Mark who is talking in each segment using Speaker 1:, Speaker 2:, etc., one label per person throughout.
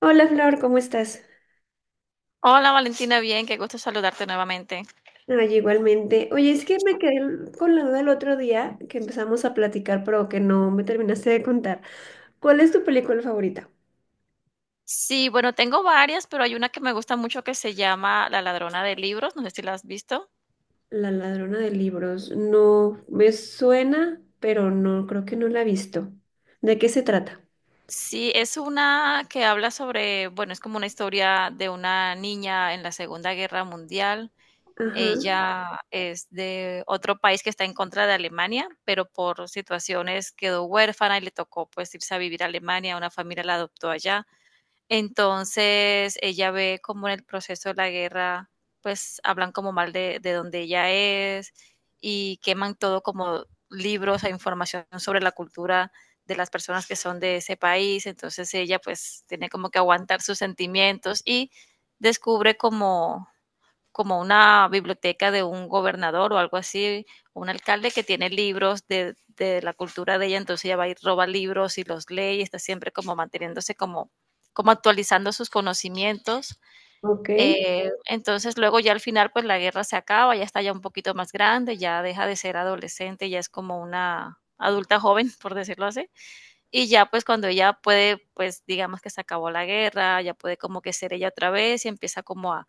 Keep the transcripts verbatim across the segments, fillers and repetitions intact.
Speaker 1: Hola Flor, ¿cómo estás?
Speaker 2: Hola Valentina, bien, qué gusto saludarte nuevamente.
Speaker 1: Ay, igualmente. Oye, es que me quedé l- con la duda el otro día que empezamos a platicar, pero que no me terminaste de contar. ¿Cuál es tu película favorita?
Speaker 2: Sí, bueno, tengo varias, pero hay una que me gusta mucho que se llama La ladrona de libros, no sé si la has visto.
Speaker 1: La ladrona de libros. No, me suena, pero no, creo que no la he visto. ¿De qué se trata?
Speaker 2: Sí, es una que habla sobre, bueno, es como una historia de una niña en la Segunda Guerra Mundial.
Speaker 1: Ajá,
Speaker 2: Ella es de otro país que está en contra de Alemania, pero por situaciones quedó huérfana y le tocó pues irse a vivir a Alemania, una familia la adoptó allá. Entonces ella ve como en el proceso de la guerra, pues hablan como mal de, de donde ella es y queman todo como libros e información sobre la cultura de las personas que son de ese país. Entonces ella pues tiene como que aguantar sus sentimientos y descubre como como una biblioteca de un gobernador o algo así, un alcalde que tiene libros de, de la cultura de ella, entonces ella va y roba libros y los lee y está siempre como manteniéndose como, como actualizando sus conocimientos.
Speaker 1: ok.
Speaker 2: Eh, entonces luego ya al final pues la guerra se acaba, ya está ya un poquito más grande, ya deja de ser adolescente, ya es como una adulta joven, por decirlo así. Y ya pues cuando ella puede, pues digamos que se acabó la guerra, ya puede como que ser ella otra vez y empieza como a,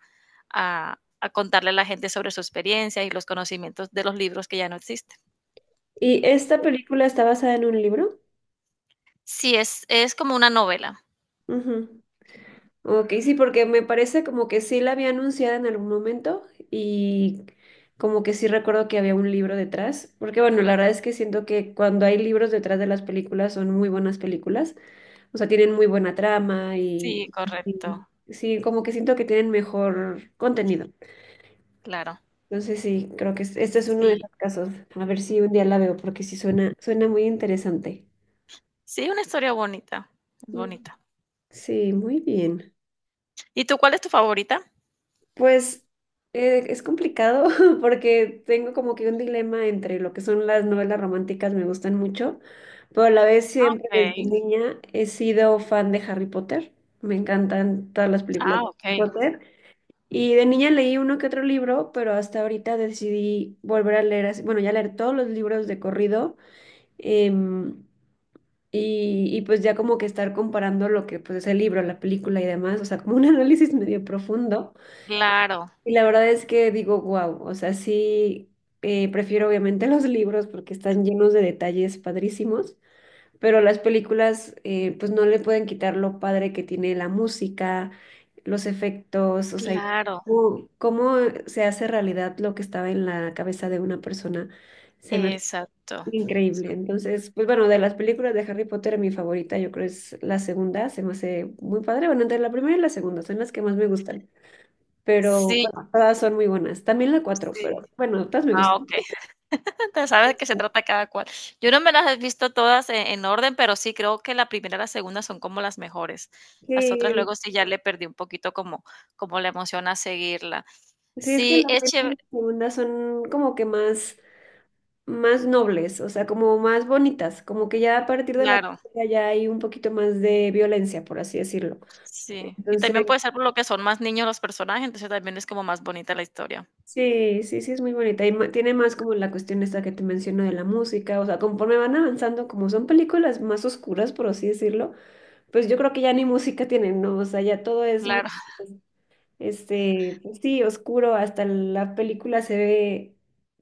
Speaker 2: a, a contarle a la gente sobre su experiencia y los conocimientos de los libros que ya no existen.
Speaker 1: ¿Y esta película está basada en un libro?
Speaker 2: Sí, es, es como una novela.
Speaker 1: Ujú. Ok, sí, porque me parece como que sí la había anunciado en algún momento y como que sí recuerdo que había un libro detrás, porque bueno, la verdad es que siento que cuando hay libros detrás de las películas son muy buenas películas, o sea, tienen muy buena trama y,
Speaker 2: Sí, correcto,
Speaker 1: y sí, como que siento que tienen mejor contenido.
Speaker 2: claro.
Speaker 1: Entonces sí, creo que es- este es uno de
Speaker 2: Sí,
Speaker 1: los casos. A ver si un día la veo, porque sí suena, suena muy interesante.
Speaker 2: sí, una historia bonita, es
Speaker 1: Mm.
Speaker 2: bonita.
Speaker 1: Sí, muy bien.
Speaker 2: ¿Y tú cuál es tu favorita?
Speaker 1: Pues eh, es complicado porque tengo como que un dilema entre lo que son las novelas románticas, me gustan mucho, pero a la vez
Speaker 2: Ah,
Speaker 1: siempre desde
Speaker 2: okay,
Speaker 1: niña he sido fan de Harry Potter, me encantan todas las películas
Speaker 2: ah,
Speaker 1: de Harry
Speaker 2: okey.
Speaker 1: Potter y de niña leí uno que otro libro, pero hasta ahorita decidí volver a leer, así- bueno, ya leer todos los libros de corrido em, y, y pues ya como que estar comparando lo que pues es el libro, la película y demás, o sea, como un análisis medio profundo.
Speaker 2: Claro,
Speaker 1: Y la verdad es que digo, wow, o sea, sí, eh, prefiero obviamente los libros porque están llenos de detalles padrísimos, pero las películas eh, pues no le pueden quitar lo padre que tiene la música, los efectos, o sea,
Speaker 2: claro,
Speaker 1: cómo, cómo se hace realidad lo que estaba en la cabeza de una persona, se me hace
Speaker 2: exacto.
Speaker 1: increíble. Entonces, pues bueno, de las películas de Harry Potter, mi favorita yo creo es la segunda, se me hace muy padre, bueno, entre la primera y la segunda son las que más me gustan, pero
Speaker 2: Sí,
Speaker 1: bueno, todas son muy buenas. También la cuatro,
Speaker 2: sí.
Speaker 1: pero bueno, todas me
Speaker 2: Ah,
Speaker 1: gustan.
Speaker 2: okey. Tú sabes que se trata cada cual. Yo no me las he visto todas en, en orden, pero sí creo que la primera y la segunda son como las mejores. Las otras sí.
Speaker 1: Sí,
Speaker 2: Luego sí ya le perdí un poquito como, como la emoción a seguirla.
Speaker 1: sí, es que
Speaker 2: Sí,
Speaker 1: la
Speaker 2: es
Speaker 1: primera y
Speaker 2: chévere,
Speaker 1: la segunda son como que más, más nobles, o sea, como más bonitas, como que ya a partir de la
Speaker 2: claro,
Speaker 1: tercera ya hay un poquito más de violencia, por así decirlo.
Speaker 2: sí. Y
Speaker 1: Entonces,
Speaker 2: también puede ser por lo que son más niños los personajes, entonces también es como más bonita la historia.
Speaker 1: sí, sí, sí, es muy bonita. Y ma- tiene más como la cuestión esta que te menciono de la música, o sea, conforme van avanzando, como son películas más oscuras, por así decirlo, pues yo creo que ya ni música tienen, ¿no? O sea, ya todo es muy...
Speaker 2: Claro,
Speaker 1: este, pues sí, oscuro, hasta la película se ve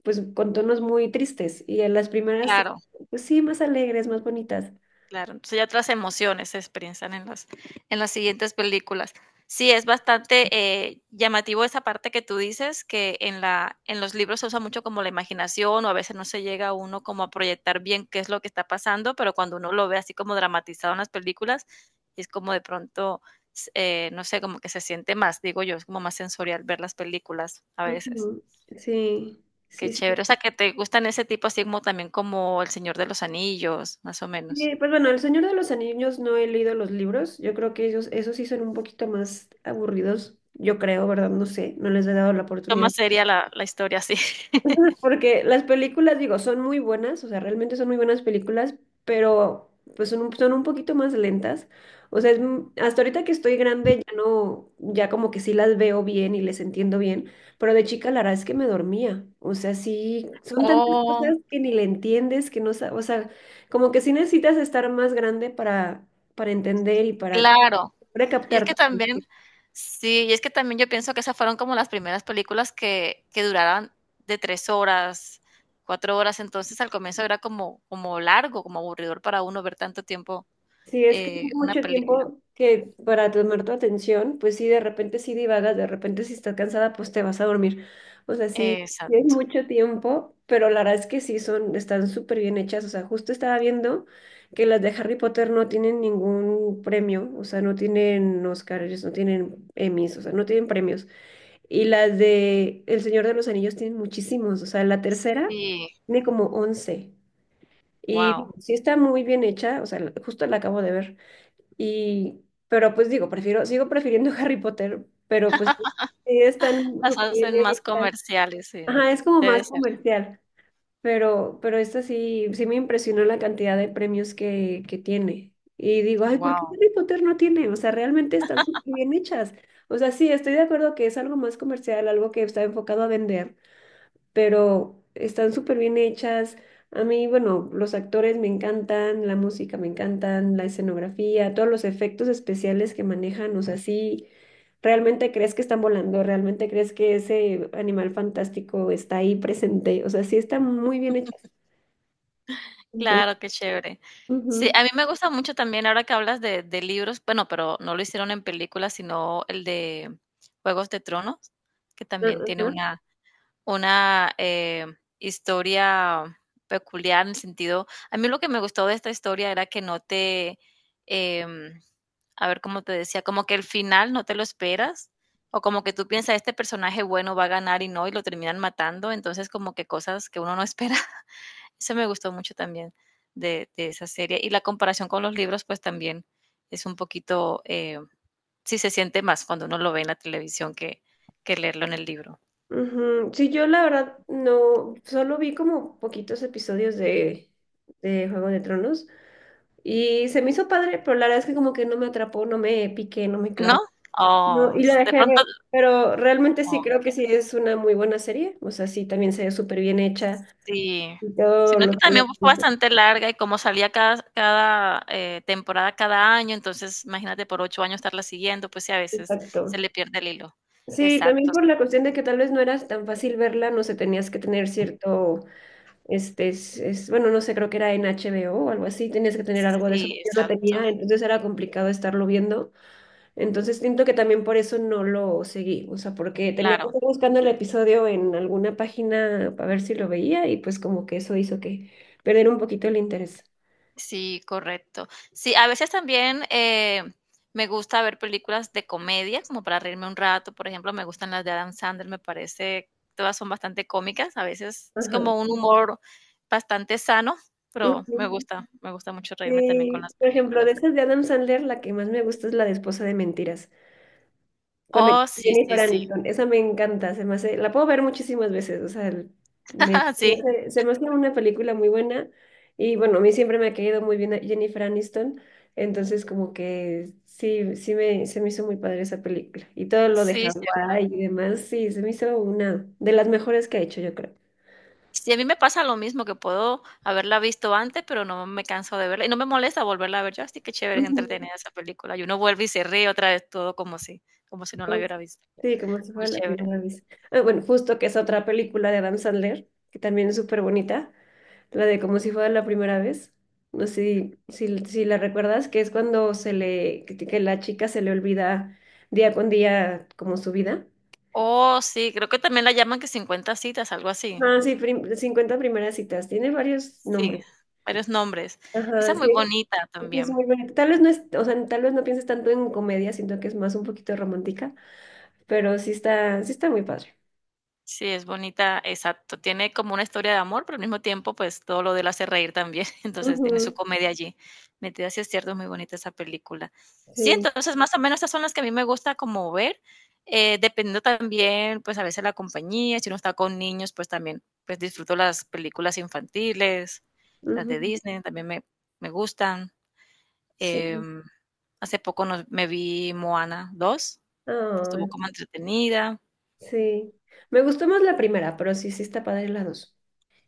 Speaker 1: pues con tonos muy tristes y en las primeras,
Speaker 2: claro.
Speaker 1: pues sí, más alegres, más bonitas.
Speaker 2: Claro, entonces ya otras emociones se expresan en las, en las siguientes películas. Sí, es bastante eh, llamativo esa parte que tú dices, que en la, en los libros se usa mucho como la imaginación, o a veces no se llega uno como a proyectar bien qué es lo que está pasando, pero cuando uno lo ve así como dramatizado en las películas, es como de pronto, s- eh, no sé, como que se siente más, digo yo, es como más sensorial ver las películas a veces.
Speaker 1: Ujú. Sí,
Speaker 2: Qué
Speaker 1: sí, sí.
Speaker 2: chévere. O sea, que te gustan ese tipo así como también como El Señor de los Anillos, más o menos.
Speaker 1: Sí, pues bueno, El Señor de los Anillos no he leído los libros, yo creo que ellos, esos sí son un poquito más aburridos, yo creo, ¿verdad? No sé, no les he dado la oportunidad.
Speaker 2: Más seria la la historia, sí.
Speaker 1: Porque las películas, digo, son muy buenas, o sea, realmente son muy buenas películas, pero pues son un, son un poquito más lentas. O sea, es m- hasta ahorita que estoy grande ya no, ya como que sí las veo bien y les entiendo bien, pero de chica la verdad es que me dormía. O sea, sí, son tantas
Speaker 2: Oh,
Speaker 1: cosas que ni le entiendes, que no, sa- o sea, como que sí necesitas estar más grande para, para entender y para,
Speaker 2: claro.
Speaker 1: para
Speaker 2: Y es que
Speaker 1: captar.
Speaker 2: también sí, y es que también yo pienso que esas fueron como las primeras películas que que duraran de tres horas, cuatro horas, entonces al comienzo era como como largo, como aburridor para uno ver tanto tiempo,
Speaker 1: Sí, es que es
Speaker 2: eh, una
Speaker 1: mucho
Speaker 2: película.
Speaker 1: tiempo que para tomar tu atención, pues sí, de repente sí divagas, de repente si estás cansada, pues te vas a dormir. O sea, sí, sí es
Speaker 2: Exacto,
Speaker 1: mucho tiempo, pero la verdad es que sí son, están súper bien hechas. O sea, justo estaba viendo que las de Harry Potter no tienen ningún premio, o sea, no tienen Oscars, no tienen Emmys, o sea, no tienen premios. Y las de El Señor de los Anillos tienen muchísimos, o sea, la tercera
Speaker 2: sí,
Speaker 1: tiene como once. Y
Speaker 2: wow.
Speaker 1: sí está muy bien hecha, o sea, la- justo la acabo de ver. Y, pero pues digo, prefiero, sigo prefiriendo Harry Potter, pero pues sí, sí están
Speaker 2: Las
Speaker 1: súper bien
Speaker 2: hacen más
Speaker 1: hechas.
Speaker 2: comerciales, sí,
Speaker 1: Ajá, es como
Speaker 2: debe
Speaker 1: más
Speaker 2: ser,
Speaker 1: comercial, pero, pero esta sí, sí me impresionó la cantidad de premios que, que tiene. Y digo, ay, ¿por qué
Speaker 2: wow.
Speaker 1: Harry Potter no tiene? O sea, realmente están súper bien hechas. O sea, sí, estoy de acuerdo que es algo más comercial, algo que está enfocado a vender, pero están súper bien hechas. A mí, bueno, los actores me encantan, la música me encantan, la escenografía, todos los efectos especiales que manejan, o sea, sí, realmente crees que están volando, realmente crees que ese animal fantástico está ahí presente, o sea, sí están muy bien hechas. Entonces,
Speaker 2: Claro, qué chévere. Sí,
Speaker 1: ujú.
Speaker 2: a mí me gusta mucho también ahora que hablas de de libros, bueno, pero no lo hicieron en películas, sino el de Juegos de Tronos, que también tiene
Speaker 1: Ajá,
Speaker 2: una una, eh, historia peculiar en el sentido a mí lo que me gustó de esta historia era que no te, em, a ver, ¿cómo te decía? Como que el final no te lo esperas, o como que tú piensas, este personaje bueno va a ganar y no, y lo terminan matando, entonces como que cosas que uno no espera. Eso me gustó mucho también de, de esa serie. Y la comparación con los libros, pues también es un poquito, eh, sí se siente más cuando uno lo ve en la televisión que, que leerlo en el libro,
Speaker 1: ujú. Sí, yo la verdad no, solo vi como poquitos episodios de, de Juego de Tronos. Y se me hizo padre, pero la verdad es que como que no me atrapó, no me piqué, no me
Speaker 2: ¿no?
Speaker 1: clavé. No,
Speaker 2: Oh,
Speaker 1: y la
Speaker 2: s de
Speaker 1: dejé ver.
Speaker 2: pronto,
Speaker 1: Pero realmente sí creo que
Speaker 2: okey,
Speaker 1: sí es una muy buena serie. O sea, sí, también se ve súper bien hecha
Speaker 2: sí.
Speaker 1: y todo
Speaker 2: Sino que
Speaker 1: lo que
Speaker 2: también
Speaker 1: le...
Speaker 2: fue bastante larga y como salía cada cada, eh, temporada cada año, entonces imagínate por ocho años estarla siguiendo, pues sí, a veces se
Speaker 1: Exacto.
Speaker 2: le pierde el hilo.
Speaker 1: Sí, también
Speaker 2: Exacto,
Speaker 1: por
Speaker 2: sí.
Speaker 1: la cuestión de que tal vez no era tan fácil verla, no sé, tenías que tener cierto, este, es, es- bueno, no sé, creo que era en HBO o o algo así, tenías que tener algo de eso que
Speaker 2: Sí,
Speaker 1: yo no
Speaker 2: exacto,
Speaker 1: tenía, entonces era complicado estarlo viendo. Entonces siento que también por eso no lo seguí, o sea, porque tenía que
Speaker 2: claro.
Speaker 1: estar buscando el episodio en alguna página para ver si lo veía y pues como que eso hizo que perder un poquito el interés.
Speaker 2: Sí, correcto. Sí, a veces también eh, me gusta ver películas de comedia, como para reírme un rato. Por ejemplo, me gustan las de Adam Sandler, me parece, todas son bastante cómicas. A veces es
Speaker 1: Ajá.
Speaker 2: como un humor bastante sano, pero me
Speaker 1: Ujú.
Speaker 2: gusta, me gusta mucho reírme también con
Speaker 1: Sí,
Speaker 2: las
Speaker 1: por ejemplo, de
Speaker 2: películas.
Speaker 1: esas de Adam Sandler, la que más me gusta es la de Esposa de Mentiras. con el-
Speaker 2: Oh, sí, sí,
Speaker 1: Jennifer
Speaker 2: sí.
Speaker 1: Aniston. Esa me encanta, se me hace, la puedo ver muchísimas veces, o sea, el- me- se
Speaker 2: Sí,
Speaker 1: me hace se me hace una película muy buena, y bueno, a mí siempre me ha caído muy bien a Jennifer Aniston, entonces como que sí, sí me, se me hizo muy padre esa película y todo lo de
Speaker 2: sí, cierto.
Speaker 1: Hawái y demás, sí, se me hizo una de las mejores que ha hecho, yo creo.
Speaker 2: Sí, a mí me pasa lo mismo, que puedo haberla visto antes, pero no me canso de verla, y no me molesta volverla a ver. Yo, así que chévere, es
Speaker 1: Ujú.
Speaker 2: entretenida esa película. Y uno vuelve y se ríe otra vez todo como si como si no la
Speaker 1: Como
Speaker 2: hubiera
Speaker 1: si-
Speaker 2: visto.
Speaker 1: Sí, como si
Speaker 2: Muy
Speaker 1: fuera la
Speaker 2: chévere.
Speaker 1: primera vez. Ah, bueno, justo que es otra película de Adam Sandler, que también es súper bonita. La de como si fuera la primera vez. No sé si, si, si la recuerdas, que es cuando se le, que, que la chica se le olvida día con día como su vida.
Speaker 2: Oh, sí, creo que también la llaman que cincuenta citas, algo así.
Speaker 1: Ah, sí, prim- cincuenta primeras citas. Tiene varios
Speaker 2: Sí,
Speaker 1: nombres.
Speaker 2: varios nombres. Esa
Speaker 1: Ajá,
Speaker 2: es muy
Speaker 1: sí,
Speaker 2: bonita
Speaker 1: es
Speaker 2: también.
Speaker 1: muy bonito. Tal vez no es, o sea, tal vez no pienses tanto en comedia, siento que es más un poquito romántica, pero sí está, sí está muy padre.
Speaker 2: Sí, es bonita, exacto. Tiene como una historia de amor, pero al mismo tiempo, pues todo lo de él hace reír también. Entonces tiene
Speaker 1: Ujú,
Speaker 2: su comedia allí. Metida, Si es cierto, es muy bonita esa película. Sí,
Speaker 1: sí,
Speaker 2: entonces más o menos esas son las que a mí me gusta como ver, eh, dependiendo también, pues a veces la compañía, si uno está con niños, pues también, pues disfruto las películas infantiles, las de
Speaker 1: ujú,
Speaker 2: Disney, también me, me gustan.
Speaker 1: sí.
Speaker 2: Em, Hace poco nos- me vi Moana dos. Estuvo
Speaker 1: Ah,
Speaker 2: como entretenida.
Speaker 1: sí. Me gustó más la primera, pero sí, sí está padre la dos.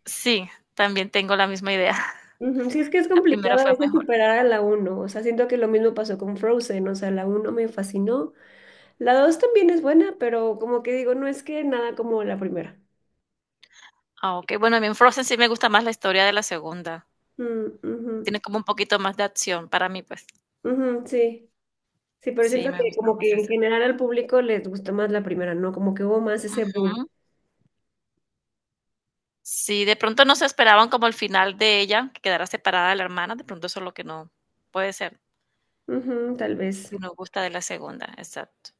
Speaker 2: Sí, también tengo la misma idea.
Speaker 1: Ujú. Sí, es que es
Speaker 2: La primera
Speaker 1: complicado a
Speaker 2: fue
Speaker 1: veces
Speaker 2: mejor.
Speaker 1: superar a la uno, o sea, siento que lo mismo pasó con Frozen, o sea, la uno me fascinó, la dos también es buena, pero como que digo, no es que nada como la primera.
Speaker 2: Ah, okey. Bueno, a mí en Frozen sí me gusta más la historia de la segunda.
Speaker 1: Mm, ujú,
Speaker 2: Tiene como un poquito más de acción para mí, pues.
Speaker 1: ujú, sí, sí, pero
Speaker 2: Sí,
Speaker 1: siento
Speaker 2: me
Speaker 1: que
Speaker 2: gusta
Speaker 1: como que
Speaker 2: más
Speaker 1: en
Speaker 2: esa.
Speaker 1: general al público les gustó más la primera, ¿no? Como que hubo más ese boom.
Speaker 2: Ujú. Sí, de pronto no se esperaban como el final de ella, que quedara separada de la hermana, de pronto eso es lo que no puede ser,
Speaker 1: Ujú, tal vez.
Speaker 2: que no gusta de la segunda, exacto.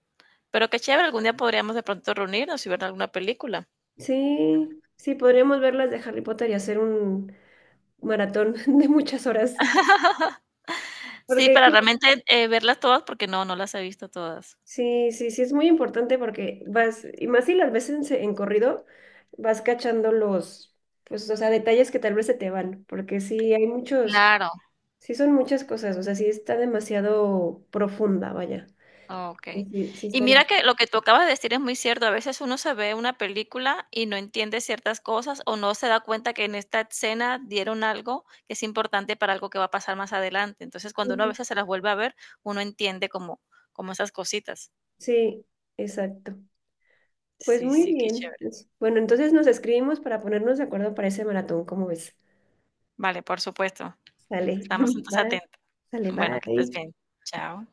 Speaker 2: Pero qué chévere, algún día podríamos de pronto reunirnos y ver alguna película.
Speaker 1: Sí, sí, podríamos ver las de Harry Potter y hacer un maratón de muchas horas,
Speaker 2: Sí,
Speaker 1: porque
Speaker 2: para realmente, eh, verlas todas, porque no, no las he visto todas.
Speaker 1: sí, sí, sí, es muy importante porque vas, y más si las ves en, se- en corrido, vas cachando los, pues, o sea, detalles que tal vez se te van, porque sí hay muchos,
Speaker 2: Claro.
Speaker 1: sí son muchas cosas, o sea, sí está demasiado profunda, vaya. Sí,
Speaker 2: Okey.
Speaker 1: sí, sí
Speaker 2: Y
Speaker 1: estaría.
Speaker 2: mira que lo que tú acabas de decir es muy cierto. A veces uno se ve una película y no entiende ciertas cosas, o no se da cuenta que en esta escena dieron algo que es importante para algo que va a pasar más adelante. Entonces, cuando uno a
Speaker 1: Ujú.
Speaker 2: veces se las vuelve a ver, uno entiende como como esas cositas.
Speaker 1: Sí, exacto. Pues
Speaker 2: Sí,
Speaker 1: muy
Speaker 2: sí, qué
Speaker 1: bien.
Speaker 2: chévere.
Speaker 1: Pues, bueno, entonces nos escribimos para ponernos de acuerdo para ese maratón, ¿cómo ves?
Speaker 2: Vale, por supuesto.
Speaker 1: Sale.
Speaker 2: Estamos entonces
Speaker 1: Bye.
Speaker 2: atentos.
Speaker 1: Sale,
Speaker 2: Bueno, que estés
Speaker 1: bye.
Speaker 2: bien. Chao.